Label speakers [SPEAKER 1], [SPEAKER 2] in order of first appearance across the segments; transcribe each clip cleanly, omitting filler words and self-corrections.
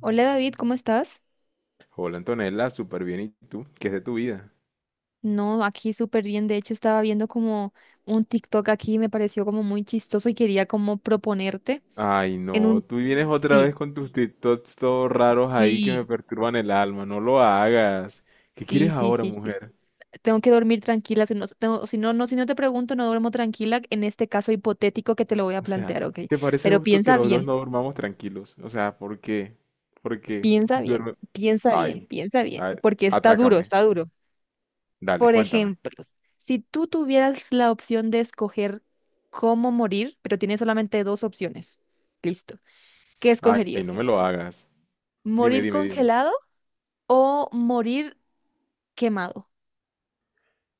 [SPEAKER 1] Hola David, ¿cómo estás?
[SPEAKER 2] Hola Antonella, súper bien. ¿Y tú? ¿Qué es de tu vida?
[SPEAKER 1] No, aquí súper bien. De hecho, estaba viendo como un TikTok aquí y me pareció como muy chistoso y quería como proponerte
[SPEAKER 2] Ay,
[SPEAKER 1] en
[SPEAKER 2] no,
[SPEAKER 1] un.
[SPEAKER 2] tú vienes otra
[SPEAKER 1] Sí,
[SPEAKER 2] vez con tus TikToks todos raros ahí que me
[SPEAKER 1] sí,
[SPEAKER 2] perturban el alma. No lo hagas. ¿Qué
[SPEAKER 1] sí,
[SPEAKER 2] quieres
[SPEAKER 1] sí,
[SPEAKER 2] ahora,
[SPEAKER 1] sí, sí.
[SPEAKER 2] mujer?
[SPEAKER 1] Tengo que dormir tranquila, si no, si no te pregunto, no duermo tranquila en este caso hipotético que te lo voy a
[SPEAKER 2] O sea,
[SPEAKER 1] plantear, ¿ok?
[SPEAKER 2] ¿te parece
[SPEAKER 1] Pero
[SPEAKER 2] justo que
[SPEAKER 1] piensa
[SPEAKER 2] los dos
[SPEAKER 1] bien,
[SPEAKER 2] no durmamos tranquilos? O sea, ¿por qué? ¿Por qué?
[SPEAKER 1] piensa bien,
[SPEAKER 2] Duerme.
[SPEAKER 1] piensa bien,
[SPEAKER 2] Ay,
[SPEAKER 1] piensa bien,
[SPEAKER 2] ay,
[SPEAKER 1] porque está duro,
[SPEAKER 2] atácame.
[SPEAKER 1] está duro.
[SPEAKER 2] Dale,
[SPEAKER 1] Por
[SPEAKER 2] cuéntame.
[SPEAKER 1] ejemplo, si tú tuvieras la opción de escoger cómo morir, pero tienes solamente dos opciones, listo, ¿qué
[SPEAKER 2] Ay,
[SPEAKER 1] escogerías?
[SPEAKER 2] no me lo hagas. Dime,
[SPEAKER 1] ¿Morir
[SPEAKER 2] dime, dime.
[SPEAKER 1] congelado o morir quemado?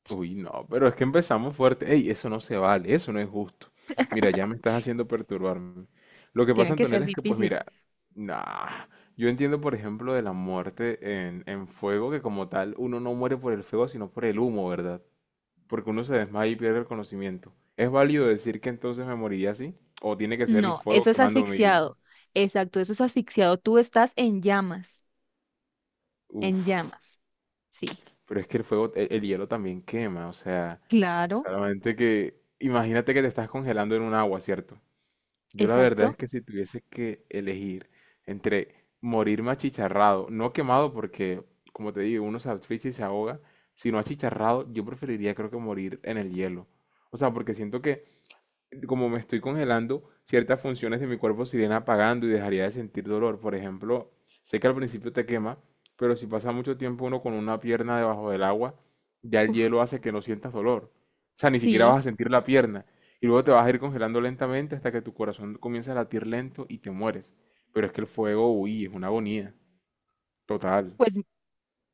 [SPEAKER 2] Uy, no, pero es que empezamos fuerte. Ey, eso no se vale, eso no es justo. Mira, ya me estás haciendo perturbarme. Lo que
[SPEAKER 1] Tiene
[SPEAKER 2] pasa,
[SPEAKER 1] que ser
[SPEAKER 2] Antonella, es que, pues
[SPEAKER 1] difícil.
[SPEAKER 2] mira, nah, yo entiendo, por ejemplo, de la muerte en fuego, que como tal uno no muere por el fuego, sino por el humo, ¿verdad? Porque uno se desmaya y pierde el conocimiento. ¿Es válido decir que entonces me moriría así? ¿O tiene que ser el
[SPEAKER 1] No,
[SPEAKER 2] fuego
[SPEAKER 1] eso es
[SPEAKER 2] quemándome vivo?
[SPEAKER 1] asfixiado. Exacto, eso es asfixiado. Tú estás en llamas,
[SPEAKER 2] Uf,
[SPEAKER 1] en llamas. Sí,
[SPEAKER 2] pero es que el fuego, el hielo también quema, o sea,
[SPEAKER 1] claro,
[SPEAKER 2] solamente que, imagínate que te estás congelando en un agua, ¿cierto? Yo la verdad es
[SPEAKER 1] exacto.
[SPEAKER 2] que si tuviese que elegir entre morirme achicharrado, no quemado porque, como te digo, uno se asfixia y se ahoga, sino achicharrado, yo preferiría creo que morir en el hielo. O sea, porque siento que como me estoy congelando, ciertas funciones de mi cuerpo se irían apagando y dejaría de sentir dolor. Por ejemplo, sé que al principio te quema, pero si pasa mucho tiempo uno con una pierna debajo del agua, ya el
[SPEAKER 1] Uf,
[SPEAKER 2] hielo hace que no sientas dolor. O sea, ni siquiera vas
[SPEAKER 1] sí,
[SPEAKER 2] a sentir la pierna. Y luego te vas a ir congelando lentamente hasta que tu corazón comienza a latir lento y te mueres. Pero es que el fuego, uy, es una agonía. Total.
[SPEAKER 1] pues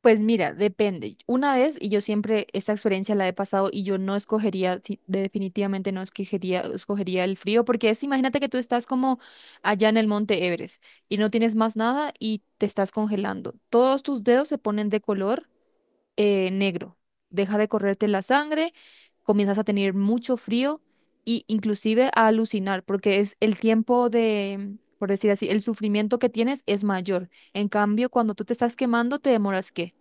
[SPEAKER 1] Pues mira, depende. Una vez, y yo siempre esta experiencia la he pasado y yo no escogería, sí, definitivamente no escogería, escogería el frío, porque es, imagínate que tú estás como allá en el Monte Everest y no tienes más nada y te estás congelando. Todos tus dedos se ponen de color negro. Deja de correrte la sangre, comienzas a tener mucho frío y inclusive a alucinar, porque es el tiempo de, por decir así, el sufrimiento que tienes es mayor. En cambio, cuando tú te estás quemando, te demoras, ¿qué?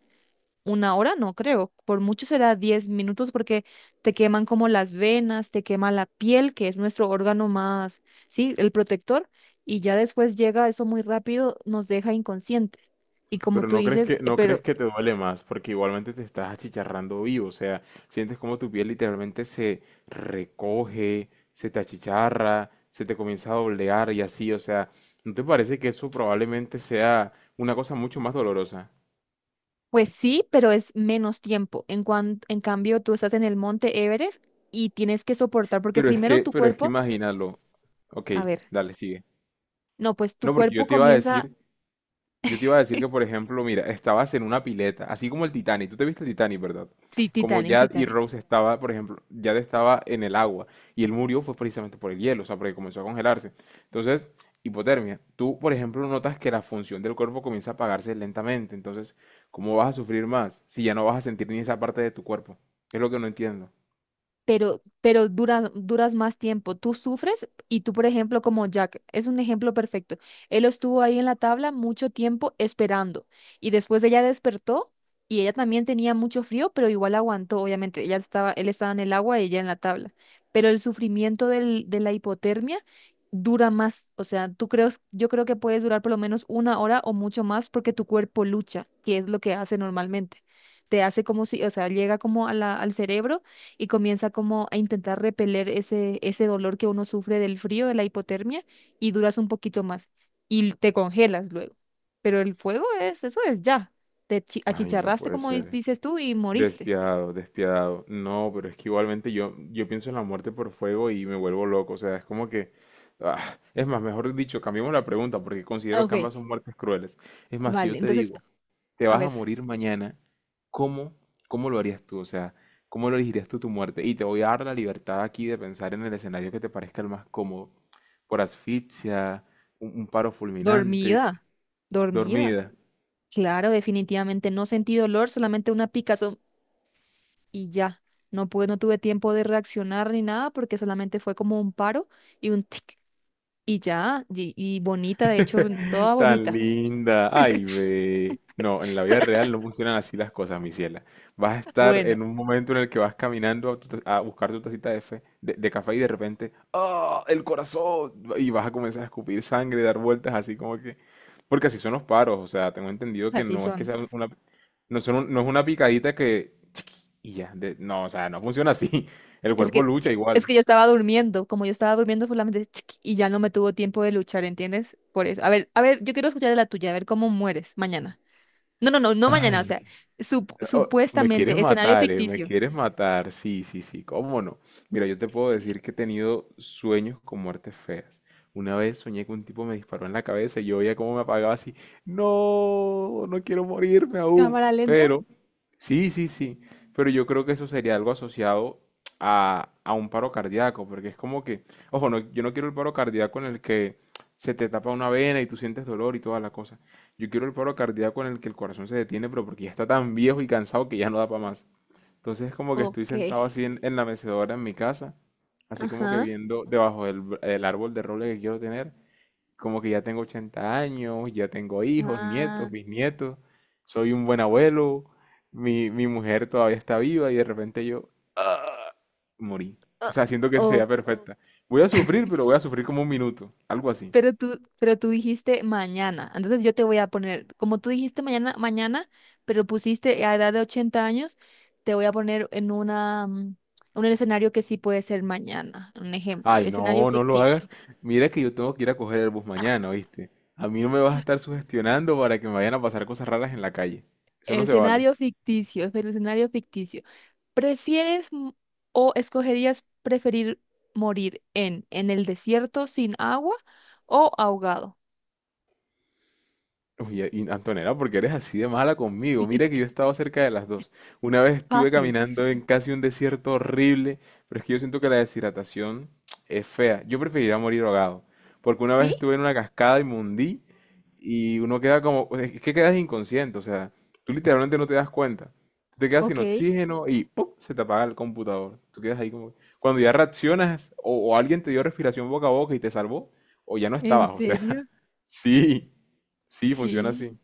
[SPEAKER 1] Una hora no creo, por mucho será 10 minutos porque te queman como las venas, te quema la piel, que es nuestro órgano más, sí, el protector, y ya después llega eso muy rápido, nos deja inconscientes. Y como
[SPEAKER 2] Pero
[SPEAKER 1] tú
[SPEAKER 2] no crees
[SPEAKER 1] dices,
[SPEAKER 2] que, no crees
[SPEAKER 1] pero
[SPEAKER 2] que te duele más, porque igualmente te estás achicharrando vivo, o sea, sientes como tu piel literalmente se recoge, se te achicharra, se te comienza a doblegar y así, o sea, ¿no te parece que eso probablemente sea una cosa mucho más dolorosa?
[SPEAKER 1] pues sí, pero es menos tiempo. En cambio, tú estás en el Monte Everest y tienes que soportar porque
[SPEAKER 2] Pero es
[SPEAKER 1] primero
[SPEAKER 2] que,
[SPEAKER 1] tu
[SPEAKER 2] pero es que
[SPEAKER 1] cuerpo,
[SPEAKER 2] imagínalo. Ok,
[SPEAKER 1] a ver,
[SPEAKER 2] dale, sigue.
[SPEAKER 1] no, pues tu
[SPEAKER 2] No, porque yo
[SPEAKER 1] cuerpo
[SPEAKER 2] te iba a
[SPEAKER 1] comienza,
[SPEAKER 2] decir Yo te iba a decir que, por ejemplo, mira, estabas en una pileta, así como el Titanic. Tú te viste el Titanic, ¿verdad?
[SPEAKER 1] sí,
[SPEAKER 2] Como
[SPEAKER 1] Titanic,
[SPEAKER 2] Jad y
[SPEAKER 1] Titanic.
[SPEAKER 2] Rose estaba, por ejemplo, Jad estaba en el agua y él murió fue precisamente por el hielo, o sea, porque comenzó a congelarse. Entonces, hipotermia. Tú, por ejemplo, notas que la función del cuerpo comienza a apagarse lentamente. Entonces, ¿cómo vas a sufrir más si ya no vas a sentir ni esa parte de tu cuerpo? Es lo que no entiendo.
[SPEAKER 1] Pero duras, duras más tiempo. Tú sufres y tú, por ejemplo, como Jack, es un ejemplo perfecto. Él estuvo ahí en la tabla mucho tiempo esperando y después ella despertó y ella también tenía mucho frío, pero igual aguantó, obviamente. Ella estaba, él estaba en el agua y ella en la tabla. Pero el sufrimiento de la hipotermia dura más, o sea, tú crees, yo creo que puedes durar por lo menos una hora o mucho más porque tu cuerpo lucha, que es lo que hace normalmente. Te hace como si, o sea, llega como a al cerebro y comienza como a intentar repeler ese dolor que uno sufre del frío, de la hipotermia, y duras un poquito más y te congelas luego. Pero el fuego es, eso es ya. Te
[SPEAKER 2] Ay, no
[SPEAKER 1] achicharraste,
[SPEAKER 2] puede
[SPEAKER 1] como
[SPEAKER 2] ser.
[SPEAKER 1] dices tú, y moriste.
[SPEAKER 2] Despiadado, despiadado. No, pero es que igualmente yo pienso en la muerte por fuego y me vuelvo loco. O sea, es como que... ah, es más, mejor dicho, cambiemos la pregunta porque considero
[SPEAKER 1] Ok,
[SPEAKER 2] que ambas son muertes crueles. Es más, si
[SPEAKER 1] vale.
[SPEAKER 2] yo te
[SPEAKER 1] Entonces,
[SPEAKER 2] digo, te
[SPEAKER 1] a
[SPEAKER 2] vas a
[SPEAKER 1] ver.
[SPEAKER 2] morir mañana, ¿cómo, cómo lo harías tú? O sea, ¿cómo lo elegirías tú tu muerte? Y te voy a dar la libertad aquí de pensar en el escenario que te parezca el más cómodo. Por asfixia, un paro fulminante,
[SPEAKER 1] Dormida, dormida.
[SPEAKER 2] dormida.
[SPEAKER 1] Claro, definitivamente no sentí dolor, solamente una picazón y ya. No pude, no tuve tiempo de reaccionar ni nada porque solamente fue como un paro y un tic y ya, y bonita, de hecho, toda
[SPEAKER 2] Tan
[SPEAKER 1] bonita.
[SPEAKER 2] linda. Ay, ve. No, en la vida real no funcionan así las cosas, mi ciela. Vas a estar
[SPEAKER 1] Bueno,
[SPEAKER 2] en un momento en el que vas caminando a buscar tu tacita de café y de repente, ¡ah! ¡El corazón! Y vas a comenzar a escupir sangre, dar vueltas así como que... Porque así son los paros, o sea, tengo entendido que
[SPEAKER 1] así
[SPEAKER 2] no es que
[SPEAKER 1] son.
[SPEAKER 2] sea una... No, no es una picadita que... chiqui, Y ya, no, o sea, no funciona así. El
[SPEAKER 1] Es
[SPEAKER 2] cuerpo
[SPEAKER 1] que,
[SPEAKER 2] lucha
[SPEAKER 1] es
[SPEAKER 2] igual.
[SPEAKER 1] que yo estaba durmiendo. Como yo estaba durmiendo, solamente y ya no me tuvo tiempo de luchar, ¿entiendes? Por eso. A ver, yo quiero escuchar de la tuya, a ver cómo mueres mañana. No, no, no, no mañana, o sea,
[SPEAKER 2] Ay. Oh, me quieres
[SPEAKER 1] supuestamente, escenario
[SPEAKER 2] matar, me
[SPEAKER 1] ficticio.
[SPEAKER 2] quieres matar. Sí, sí, sí, cómo no. Mira, yo te puedo decir que he tenido sueños con muertes feas. Una vez soñé que un tipo me disparó en la cabeza y yo veía cómo me apagaba así. No, no quiero morirme aún.
[SPEAKER 1] ¿Cámara lenta?
[SPEAKER 2] Pero, sí, sí, sí. Pero yo creo que eso sería algo asociado a un paro cardíaco, porque es como que, ojo, no, yo no quiero el paro cardíaco en el que se te tapa una vena y tú sientes dolor y toda la cosa. Yo quiero el paro cardíaco en el que el corazón se detiene, pero porque ya está tan viejo y cansado que ya no da para más. Entonces es como que estoy
[SPEAKER 1] Ok.
[SPEAKER 2] sentado así en la mecedora en mi casa, así como que
[SPEAKER 1] Ajá.
[SPEAKER 2] viendo debajo del árbol de roble que quiero tener, como que ya tengo 80 años, ya tengo hijos, nietos, bisnietos, soy un buen abuelo, mi mujer todavía está viva y de repente yo morí. O sea, siento que esa
[SPEAKER 1] Ah,
[SPEAKER 2] sería perfecta. Voy a sufrir, pero voy a sufrir como un minuto, algo así.
[SPEAKER 1] pero tú dijiste mañana. Entonces yo te voy a poner, como tú dijiste mañana, mañana, pero pusiste a edad de 80 años, te voy a poner en una, un escenario que sí puede ser mañana. Un ejemplo,
[SPEAKER 2] Ay,
[SPEAKER 1] escenario
[SPEAKER 2] no, no lo hagas.
[SPEAKER 1] ficticio.
[SPEAKER 2] Mira que yo tengo que ir a coger el bus mañana, ¿oíste? A mí no me vas a estar sugestionando para que me vayan a pasar cosas raras en la calle. Eso no se vale.
[SPEAKER 1] Escenario ficticio, es el escenario ficticio. ¿Prefieres o escogerías preferir morir en el desierto sin agua o ahogado?
[SPEAKER 2] Oye, y Antonella, ¿por qué eres así de mala conmigo? Mira que yo he estado cerca de las dos. Una vez estuve
[SPEAKER 1] Fácil.
[SPEAKER 2] caminando en casi un desierto horrible, pero es que yo siento que la deshidratación es fea. Yo preferiría morir ahogado, porque una vez
[SPEAKER 1] ¿Sí?
[SPEAKER 2] estuve en una cascada y me hundí y uno queda como, es que quedas inconsciente, o sea, tú literalmente no te das cuenta. Te quedas sin
[SPEAKER 1] Ok.
[SPEAKER 2] oxígeno y ¡pum! Se te apaga el computador. Tú quedas ahí como... Cuando ya reaccionas o alguien te dio respiración boca a boca y te salvó, o ya no
[SPEAKER 1] ¿En
[SPEAKER 2] estabas, o sea,
[SPEAKER 1] serio?
[SPEAKER 2] sí. Sí, funciona así.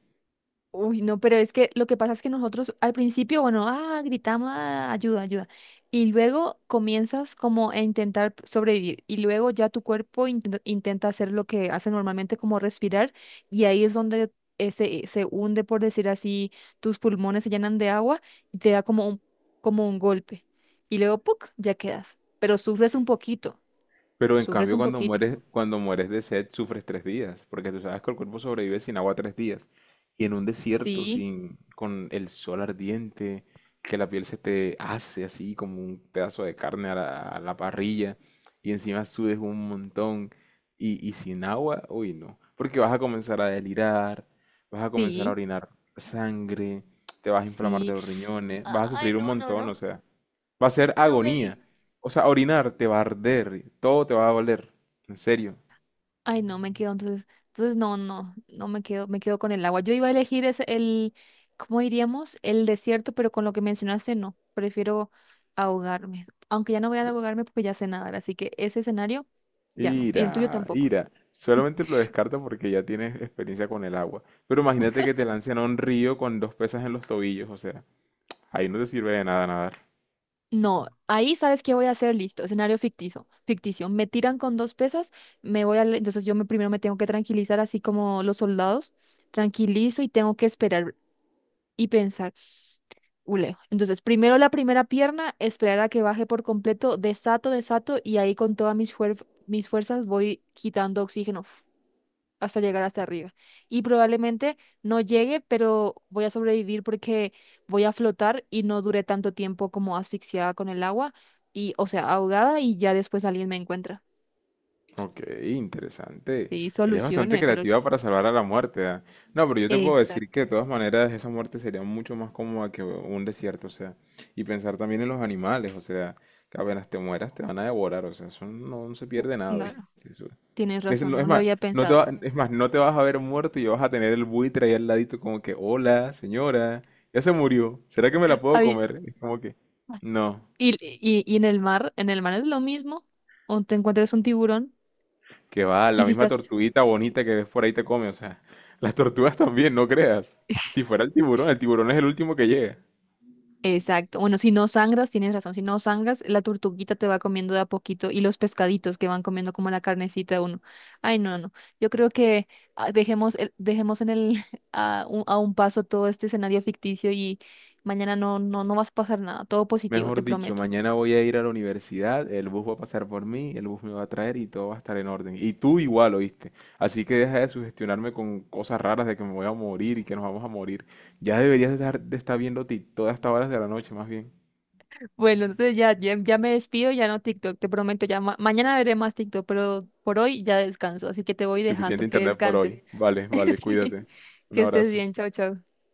[SPEAKER 1] Uy, no, pero es que lo que pasa es que nosotros al principio, bueno, ah, gritamos, "Ah, ayuda, ayuda". Y luego comienzas como a intentar sobrevivir y luego ya tu cuerpo intenta, hacer lo que hace normalmente como respirar y ahí es donde se hunde, por decir así, tus pulmones se llenan de agua y te da como un golpe. Y luego, ¡puc!, ya quedas. Pero sufres un poquito,
[SPEAKER 2] Pero en
[SPEAKER 1] sufres
[SPEAKER 2] cambio,
[SPEAKER 1] un poquito.
[SPEAKER 2] cuando mueres de sed, sufres 3 días, porque tú sabes que el cuerpo sobrevive sin agua 3 días. Y en un desierto,
[SPEAKER 1] Sí,
[SPEAKER 2] sin, con el sol ardiente, que la piel se te hace así como un pedazo de carne a la parrilla, y encima sudes un montón, y sin agua, uy, no. Porque vas a comenzar a delirar, vas a comenzar a
[SPEAKER 1] sí,
[SPEAKER 2] orinar sangre, te vas a inflamar
[SPEAKER 1] sí.
[SPEAKER 2] de los riñones, vas a
[SPEAKER 1] Ay,
[SPEAKER 2] sufrir un
[SPEAKER 1] no, no,
[SPEAKER 2] montón,
[SPEAKER 1] no,
[SPEAKER 2] o sea. Va a ser
[SPEAKER 1] no me
[SPEAKER 2] agonía.
[SPEAKER 1] digas.
[SPEAKER 2] O sea, orinar te va a arder, todo te va a doler. En serio.
[SPEAKER 1] Ay, no, me quedo, entonces no, no, no me quedo, me quedo con el agua. Yo iba a elegir ese, el, ¿cómo diríamos? El desierto, pero con lo que mencionaste, no, prefiero ahogarme. Aunque ya no voy a ahogarme porque ya sé nadar, así que ese escenario, ya no. Y el tuyo
[SPEAKER 2] Ira,
[SPEAKER 1] tampoco.
[SPEAKER 2] ira. Solamente lo descarta porque ya tienes experiencia con el agua. Pero imagínate que te lancen a un río con dos pesas en los tobillos, o sea, ahí no te sirve de nada nadar.
[SPEAKER 1] No, ahí sabes qué voy a hacer, listo, escenario ficticio, ficticio. Me tiran con dos pesas, me voy a, entonces yo me, primero me tengo que tranquilizar, así como los soldados, tranquilizo y tengo que esperar y pensar. Ule. Entonces, primero la primera pierna, esperar a que baje por completo, desato, desato, y ahí con todas mis fuerzas voy quitando oxígeno hasta llegar hasta arriba. Y probablemente no llegue, pero voy a sobrevivir porque voy a flotar y no duré tanto tiempo como asfixiada con el agua, y, o sea, ahogada, y ya después alguien me encuentra.
[SPEAKER 2] Ok, interesante.
[SPEAKER 1] Sí,
[SPEAKER 2] Eres bastante
[SPEAKER 1] soluciones, soluciones.
[SPEAKER 2] creativa para salvar a la muerte, ¿ah? No, pero yo te puedo decir
[SPEAKER 1] Exacto.
[SPEAKER 2] que de todas maneras esa muerte sería mucho más cómoda que un desierto, o sea, y pensar también en los animales, o sea, que apenas te mueras te van a devorar, o sea, eso no, no se pierde nada, ¿viste?
[SPEAKER 1] Claro,
[SPEAKER 2] Eso-
[SPEAKER 1] tienes
[SPEAKER 2] Es,
[SPEAKER 1] razón,
[SPEAKER 2] no-
[SPEAKER 1] no
[SPEAKER 2] es
[SPEAKER 1] lo
[SPEAKER 2] más,
[SPEAKER 1] había
[SPEAKER 2] no te
[SPEAKER 1] pensado.
[SPEAKER 2] va- Es más, no te vas a ver muerto y vas a tener el buitre ahí al ladito como que, hola, señora, ya se murió, ¿será que me la puedo
[SPEAKER 1] Ay,
[SPEAKER 2] comer? Es como que, no.
[SPEAKER 1] y en el mar es lo mismo, o te encuentras un tiburón
[SPEAKER 2] Que va,
[SPEAKER 1] y
[SPEAKER 2] la
[SPEAKER 1] si
[SPEAKER 2] misma
[SPEAKER 1] estás.
[SPEAKER 2] tortuguita bonita que ves por ahí te come, o sea, las tortugas también, no creas. Si fuera el tiburón es el último que llega.
[SPEAKER 1] Exacto, bueno, si no sangras, tienes razón, si no sangras, la tortuguita te va comiendo de a poquito y los pescaditos que van comiendo como la carnecita de uno. Ay, no, no, yo creo que ah, dejemos, dejemos en el, a un paso todo este escenario ficticio y mañana no, no, no vas a pasar nada, todo positivo,
[SPEAKER 2] Mejor
[SPEAKER 1] te
[SPEAKER 2] dicho,
[SPEAKER 1] prometo.
[SPEAKER 2] mañana voy a ir a la universidad, el bus va a pasar por mí, el bus me va a traer y todo va a estar en orden. Y tú igual, ¿oíste? Así que deja de sugestionarme con cosas raras de que me voy a morir y que nos vamos a morir. Ya deberías de estar viendo ti todas estas horas de la noche, más bien.
[SPEAKER 1] Bueno, entonces ya, ya, ya me despido, ya no TikTok, te prometo, ya mañana veré más TikTok, pero por hoy ya descanso, así que te voy
[SPEAKER 2] Suficiente
[SPEAKER 1] dejando, que
[SPEAKER 2] internet por
[SPEAKER 1] descanses.
[SPEAKER 2] hoy. Vale, vale,
[SPEAKER 1] Sí,
[SPEAKER 2] cuídate. Un
[SPEAKER 1] que estés
[SPEAKER 2] abrazo.
[SPEAKER 1] bien, chao, chao.